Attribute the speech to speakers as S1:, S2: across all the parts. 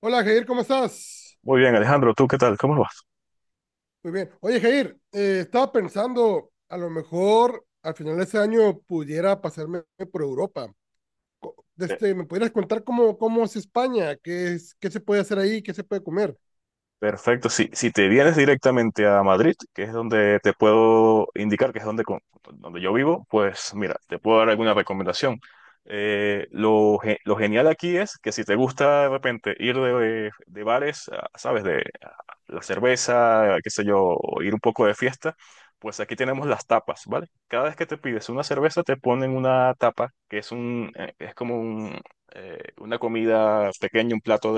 S1: Hola Jair, ¿cómo estás?
S2: Muy bien, Alejandro, ¿tú qué tal? ¿Cómo vas?
S1: Muy bien. Oye Jair, estaba pensando, a lo mejor al final de este año pudiera pasarme por Europa. ¿Me pudieras contar cómo es España? ¿Qué se puede hacer ahí? ¿Qué se puede comer?
S2: Perfecto, si te vienes directamente a Madrid, que es donde te puedo indicar, que es donde, con- donde yo vivo, pues mira, te puedo dar alguna recomendación. Lo genial aquí es que si te gusta de repente ir de bares, ¿sabes? De a la cerveza, qué sé yo, o ir un poco de fiesta, pues aquí tenemos las tapas, ¿vale? Cada vez que te pides una cerveza, te ponen una tapa, que es un, es como un, una comida pequeña, un plato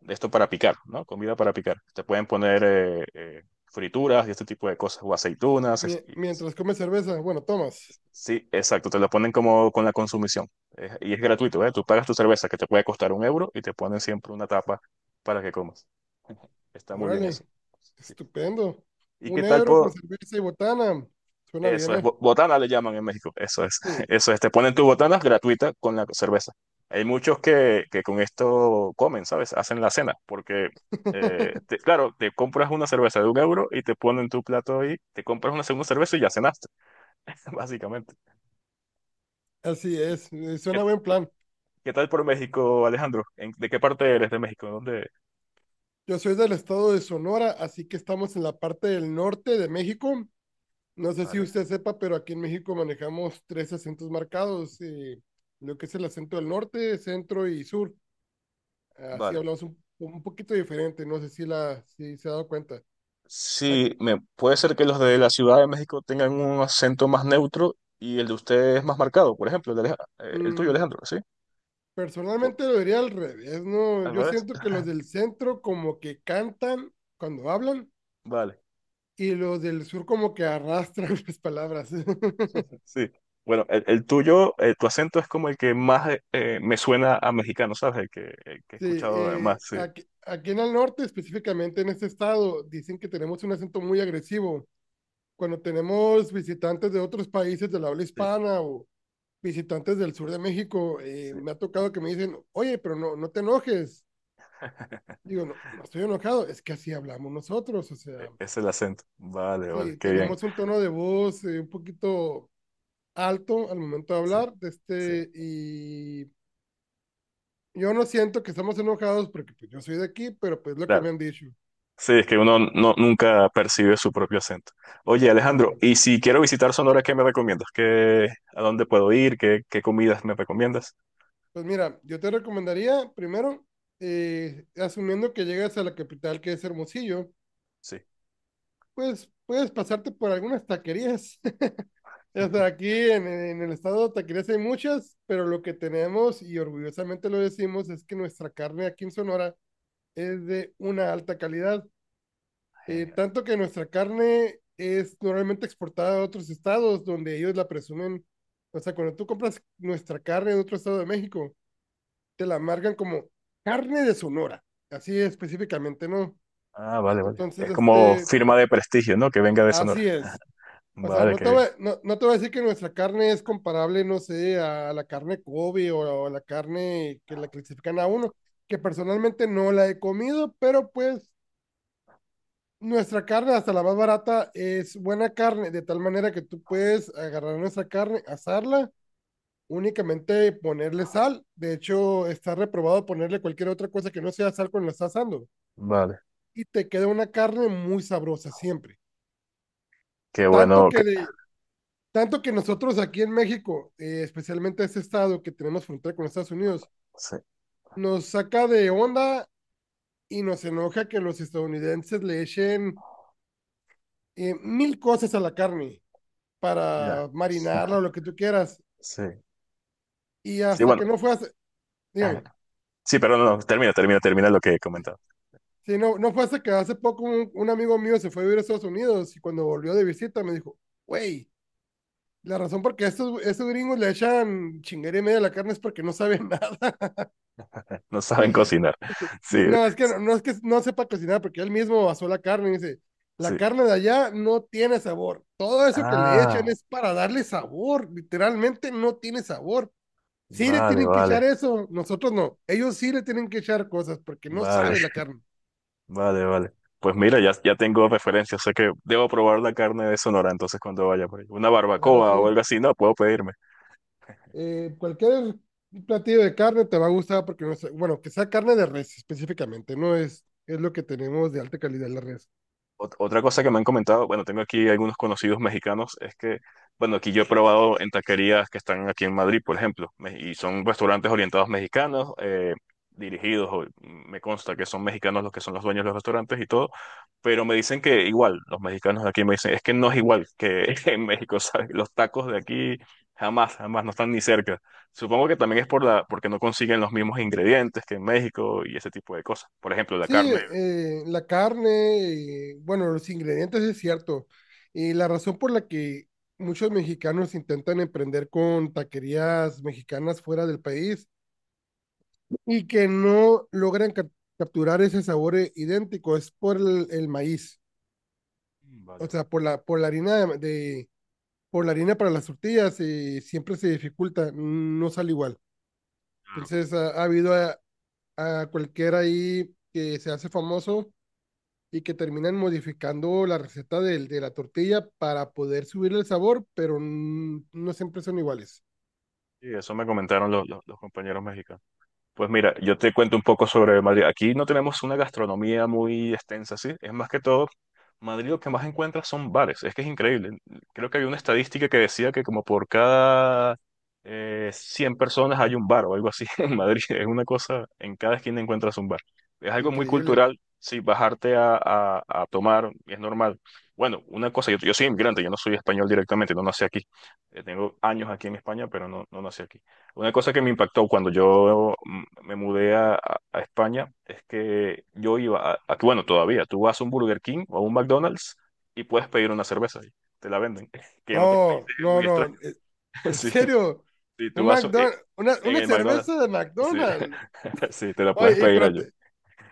S2: de esto para picar, ¿no? Comida para picar. Te pueden poner frituras y este tipo de cosas, o aceitunas.
S1: Mie- mientras comes cerveza, bueno, tomas.
S2: Sí, exacto, te lo ponen como con la consumición. Y es gratuito, ¿eh? Tú pagas tu cerveza, que te puede costar un euro, y te ponen siempre una tapa para que comas. Está muy bien eso.
S1: Órale,
S2: Sí.
S1: estupendo.
S2: ¿Y
S1: Un
S2: qué tal,
S1: euro con
S2: por,
S1: cerveza y botana. Suena bien,
S2: Eso es,
S1: ¿eh?
S2: botana le llaman en México, eso es,
S1: Sí.
S2: eso es, te ponen tus botanas gratuita con la cerveza. Hay muchos que con esto comen, ¿sabes? Hacen la cena, porque, claro, te compras una cerveza de un euro y te ponen tu plato ahí, te compras una segunda cerveza y ya cenaste, básicamente.
S1: Así
S2: ¿Y
S1: es,
S2: ¿Qué,
S1: suena buen plan.
S2: qué tal por México, Alejandro? ¿De qué parte eres de México? ¿Dónde?
S1: Yo soy del estado de Sonora, así que estamos en la parte del norte de México. No sé si
S2: Vale,
S1: usted sepa, pero aquí en México manejamos tres acentos marcados, lo que es el acento del norte, centro y sur. Así
S2: vale.
S1: hablamos un poquito diferente, no sé si se ha dado cuenta. Aquí,
S2: Sí, puede ser que los de la Ciudad de México tengan un acento más neutro y el de ustedes más marcado, por ejemplo, el tuyo,
S1: mm,
S2: Alejandro, ¿sí? Pu-
S1: personalmente lo diría al revés, ¿no?
S2: ¿Al
S1: Yo
S2: revés?
S1: siento que los del centro como que cantan cuando hablan
S2: Vale.
S1: y los del sur como que arrastran las palabras. Sí,
S2: Sí. Bueno, el, tu acento es como el que más me suena a mexicano, ¿sabes? El que he escuchado más, sí.
S1: aquí en el norte, específicamente en este estado, dicen que tenemos un acento muy agresivo cuando tenemos visitantes de otros países de la habla
S2: Sí,
S1: hispana o visitantes del sur de México.
S2: sí.
S1: Me ha tocado que me dicen, oye, pero no, no te enojes. Digo, no, no estoy enojado, es que así hablamos nosotros, o sea,
S2: Es el acento. Vale, vale,
S1: sí,
S2: qué bien.
S1: tenemos un tono de voz un poquito alto al momento de
S2: Sí,
S1: hablar,
S2: sí.
S1: y yo no siento que estamos enojados porque pues, yo soy de aquí, pero pues lo que
S2: Claro.
S1: me han dicho,
S2: Sí, es que uno nunca percibe su propio acento. Oye, Alejandro,
S1: claro.
S2: y si quiero visitar Sonora, ¿qué me recomiendas? ¿A dónde puedo ir? ¿Qué comidas me recomiendas?
S1: Pues mira, yo te recomendaría primero, asumiendo que llegas a la capital que es Hermosillo,
S2: Sí.
S1: pues puedes pasarte por algunas taquerías. O sea, aquí el estado de taquerías hay muchas, pero lo que tenemos, y orgullosamente lo decimos, es que nuestra carne aquí en Sonora es de una alta calidad.
S2: Genial.
S1: Tanto que nuestra carne es normalmente exportada a otros estados donde ellos la presumen. O sea, cuando tú compras nuestra carne en otro estado de México, te la marcan como carne de Sonora, así específicamente, ¿no?
S2: Ah, vale, vale.
S1: Entonces,
S2: Es como firma de prestigio, ¿no? Que venga de Sonora.
S1: así es. O sea,
S2: Vale, que
S1: no te voy a decir que nuestra carne es comparable, no sé, a la carne Kobe o a la carne que la clasifican a uno, que personalmente no la he comido, pero pues nuestra carne, hasta la más barata, es buena carne, de tal manera que tú puedes agarrar nuestra carne, asarla, únicamente ponerle sal. De hecho, está reprobado ponerle cualquier otra cosa que no sea sal cuando la estás asando.
S2: Vale,
S1: Y te queda una carne muy sabrosa siempre.
S2: qué
S1: Tanto
S2: bueno que...
S1: que de, Tanto que nosotros aquí en México, especialmente este estado que tenemos frontera con Estados Unidos,
S2: Sí,
S1: nos saca de onda y nos enoja que los estadounidenses le echen mil cosas a la carne
S2: ya.
S1: para marinarla o lo que tú quieras.
S2: Sí.
S1: Y
S2: Sí,
S1: hasta
S2: bueno.
S1: que no fue hace, Dígame,
S2: Sí, pero no, no, termina, termina, termina lo que he comentado.
S1: si no fue hasta que hace poco un amigo mío se fue a vivir a Estados Unidos y cuando volvió de visita me dijo, güey, la razón por qué estos gringos le echan chinguería y media a la carne es porque no saben nada.
S2: No saben cocinar. Sí,
S1: No, es que no, no es que no sepa cocinar, porque él mismo basó la carne y dice, la
S2: sí.
S1: carne de allá no tiene sabor. Todo eso que le echan
S2: Ah,
S1: es para darle sabor. Literalmente no tiene sabor. Sí le
S2: vale,
S1: tienen que
S2: vale,
S1: echar eso, nosotros no. Ellos sí le tienen que echar cosas porque no
S2: vale,
S1: sabe la carne.
S2: vale, vale. Pues mira, ya tengo referencias, sé que debo probar la carne de Sonora, entonces cuando vaya por ahí. Una
S1: Claro,
S2: barbacoa o
S1: sí.
S2: algo así, no, puedo pedirme.
S1: Cualquier platillo de carne te va a gustar porque, no sé, bueno, que sea carne de res específicamente, no es, es lo que tenemos de alta calidad la res.
S2: Otra cosa que me han comentado, bueno, tengo aquí algunos conocidos mexicanos, es que, bueno, aquí yo he probado en taquerías que están aquí en Madrid, por ejemplo, y son restaurantes orientados mexicanos, dirigidos, me consta que son mexicanos los que son los dueños de los restaurantes y todo, pero me dicen que igual, los mexicanos de aquí me dicen, es que no es igual que en México, ¿sabes? Los tacos de aquí jamás, jamás no están ni cerca. Supongo que también es porque no consiguen los mismos ingredientes que en México y ese tipo de cosas. Por ejemplo, la
S1: Sí,
S2: carne.
S1: la carne, y, bueno, los ingredientes es cierto. Y la razón por la que muchos mexicanos intentan emprender con taquerías mexicanas fuera del país y que no logran capturar ese sabor idéntico es por el maíz, o
S2: Vale,
S1: sea, por la harina de- por la harina para las tortillas y siempre se dificulta, no sale igual.
S2: vale.
S1: Entonces, ha habido a cualquiera ahí que se hace famoso y que terminan modificando la receta de la tortilla para poder subirle el sabor, pero no siempre son iguales.
S2: Sí, eso me comentaron los compañeros mexicanos. Pues mira, yo te cuento un poco sobre Madrid. Aquí no tenemos una gastronomía muy extensa, ¿sí? Es más que todo, Madrid lo que más encuentras son bares. Es que es increíble. Creo que había una estadística que decía que como por cada 100 personas hay un bar o algo así en Madrid. Es una cosa, en cada esquina encuentras un bar. Es algo muy
S1: Increíble.
S2: cultural, sí, bajarte a tomar es normal. Bueno, una cosa, yo soy inmigrante, yo no soy español directamente, no nací aquí. Tengo años aquí en España, pero no nací aquí. Una cosa que me impactó cuando yo me mudé a España es que yo iba a- bueno, todavía, tú vas a un Burger King o a un McDonald's y puedes pedir una cerveza y te la venden, que en otros
S1: No,
S2: países es
S1: no,
S2: muy
S1: no.
S2: extraño.
S1: eh, En
S2: Sí,
S1: serio,
S2: sí, tú
S1: un
S2: vas
S1: McDonald's,
S2: en
S1: una
S2: el McDonald's,
S1: cerveza de
S2: sí,
S1: McDonald's.
S2: sí, te la puedes
S1: Oye,
S2: pedir allí.
S1: te-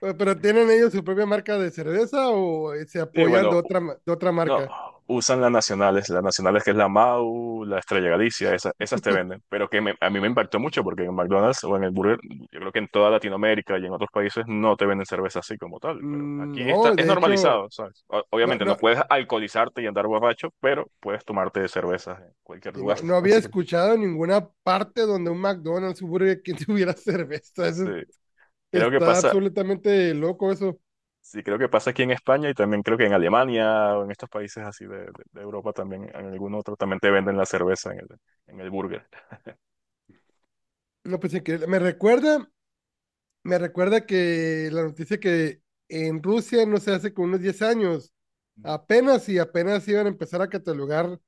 S1: eh, pero ¿tienen ellos su propia marca de cerveza o eh, se
S2: Sí,
S1: apoyan de
S2: bueno,
S1: otra, ma- de otra
S2: no,
S1: marca?
S2: usan las nacionales, que es la MAU, la Estrella Galicia, esas te venden, pero que a mí me impactó mucho porque en McDonald's o en el Burger, yo creo que en toda Latinoamérica y en otros países no te venden cerveza así como tal, pero aquí está,
S1: No,
S2: es
S1: de hecho,
S2: normalizado, ¿sabes?
S1: no,
S2: Obviamente no
S1: no,
S2: puedes alcoholizarte y andar borracho, pero puedes tomarte cervezas en cualquier
S1: y
S2: lugar,
S1: no, no había
S2: básicamente.
S1: escuchado en ninguna parte donde un McDonald's, un Burger King tuviera cerveza. Eso
S2: Sí,
S1: es.
S2: creo que
S1: Está
S2: pasa,
S1: absolutamente loco eso.
S2: sí, creo que pasa aquí en España, y también creo que en Alemania o en estos países así de Europa también, en algún otro también te venden la cerveza en el burger.
S1: No, pues increíble. Me recuerda que la noticia que en Rusia, no sé, hace como unos 10 años, apenas y apenas iban a empezar a catalogar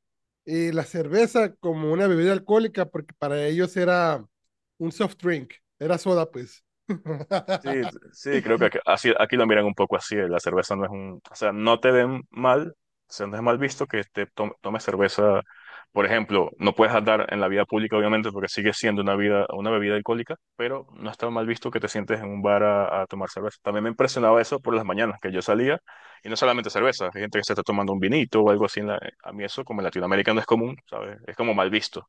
S1: la cerveza como una bebida alcohólica, porque para ellos era un soft drink, era soda, pues.
S2: Sí, sí, creo que así, aquí lo miran un poco así. La cerveza no es un, o sea, no te ven mal, o sea, no es mal visto que te tomes cerveza. Por ejemplo, no puedes andar en la vida pública, obviamente, porque sigue siendo una bebida alcohólica, pero no está mal visto que te sientes en un bar a tomar cerveza. También me impresionaba eso por las mañanas, que yo salía, y no solamente cerveza, hay gente que se está tomando un vinito o algo así. A mí eso, como en Latinoamérica, no es común, ¿sabes? Es como mal visto.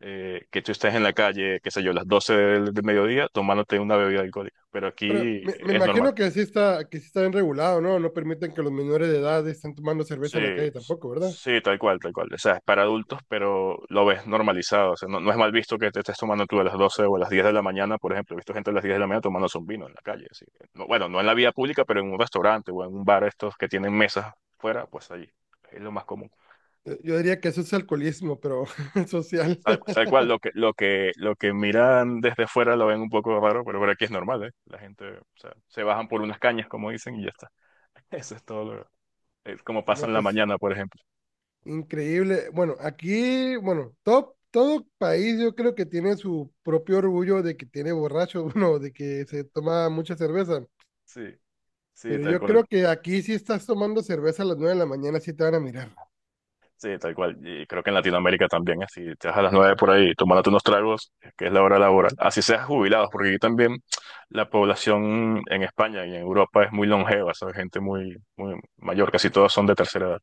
S2: Que tú estés en la calle, qué sé yo, las 12 del mediodía tomándote una bebida alcohólica, pero
S1: Pero
S2: aquí
S1: me, me
S2: es normal.
S1: imagino que sí está bien regulado, ¿no? No permiten que los menores de edad estén tomando
S2: Sí,
S1: cerveza en la calle tampoco, ¿verdad?
S2: sí, tal cual, tal cual. O sea, es para adultos, pero lo ves normalizado. O sea, no es mal visto que te estés tomando tú a las 12 o a las 10 de la mañana, por ejemplo. He visto gente a las 10 de la mañana tomándose un vino en la calle. Así que, bueno, no en la vía pública, pero en un restaurante o en un bar, estos que tienen mesas fuera, pues allí. Es lo más común.
S1: Yo diría que eso es alcoholismo, pero social.
S2: Tal cual, lo que miran desde fuera lo ven un poco raro, pero por aquí es normal, ¿eh? La gente, o sea, se bajan por unas cañas, como dicen, y ya está. Eso es todo es como pasa
S1: No,
S2: en la
S1: pues.
S2: mañana, por ejemplo.
S1: Increíble. Bueno, aquí, bueno, todo país yo creo que tiene su propio orgullo de que tiene borracho uno, de que se toma mucha cerveza.
S2: Sí, sí,
S1: Pero
S2: tal
S1: yo
S2: cual.
S1: creo que aquí si estás tomando cerveza a las 9 de la mañana sí te van a mirar.
S2: Sí, tal cual. Y creo que en Latinoamérica también, así, te vas a las nueve por ahí, tomándote unos tragos, que es la hora laboral. Así seas jubilados, porque aquí también la población en España y en Europa es muy longeva, ¿sabes? Gente muy, muy mayor, casi todos son de tercera edad.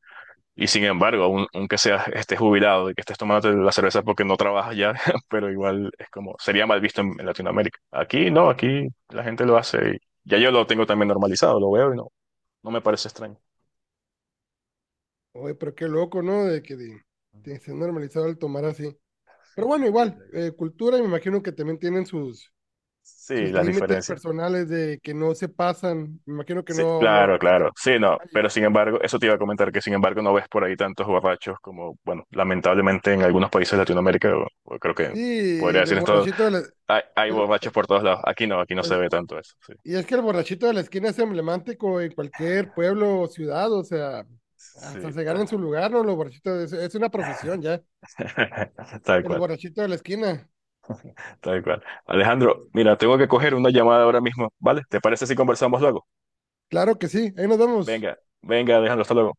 S2: Y sin embargo, aunque seas estés jubilado y que estés tomando la cerveza porque no trabajas ya, pero igual es como, sería mal visto en Latinoamérica. Aquí no, aquí la gente lo hace y ya yo lo tengo también normalizado, lo veo y no me parece extraño.
S1: Oye, pero qué loco, ¿no? De se ha normalizado el tomar así. Pero bueno, igual, cultura, me imagino que también tienen sus,
S2: Sí,
S1: sus
S2: las
S1: límites
S2: diferencias.
S1: personales de que no se pasan. Me imagino que
S2: Sí,
S1: no, no,
S2: claro,
S1: no hay tanta
S2: claro. Sí, no,
S1: calle.
S2: pero sin embargo, eso te iba a comentar, que sin embargo no ves por ahí tantos borrachos como, bueno, lamentablemente en algunos países de Latinoamérica, o creo que
S1: Sí,
S2: podría
S1: el
S2: decir esto,
S1: borrachito de la-
S2: hay
S1: el-
S2: borrachos por todos lados. Aquí no se ve tanto eso.
S1: y es que el borrachito de la esquina es emblemático en cualquier pueblo o ciudad, o sea,
S2: Sí,
S1: hasta se
S2: sí,
S1: ganan su lugar, ¿no? Los borrachitos, es una profesión ya,
S2: tal
S1: el
S2: cual,
S1: borrachito de la esquina.
S2: tal cual. Alejandro, mira, tengo que coger una llamada ahora mismo, ¿vale? ¿Te parece si conversamos luego?
S1: Claro que sí, ahí nos vemos.
S2: Venga, venga, Alejandro, hasta luego.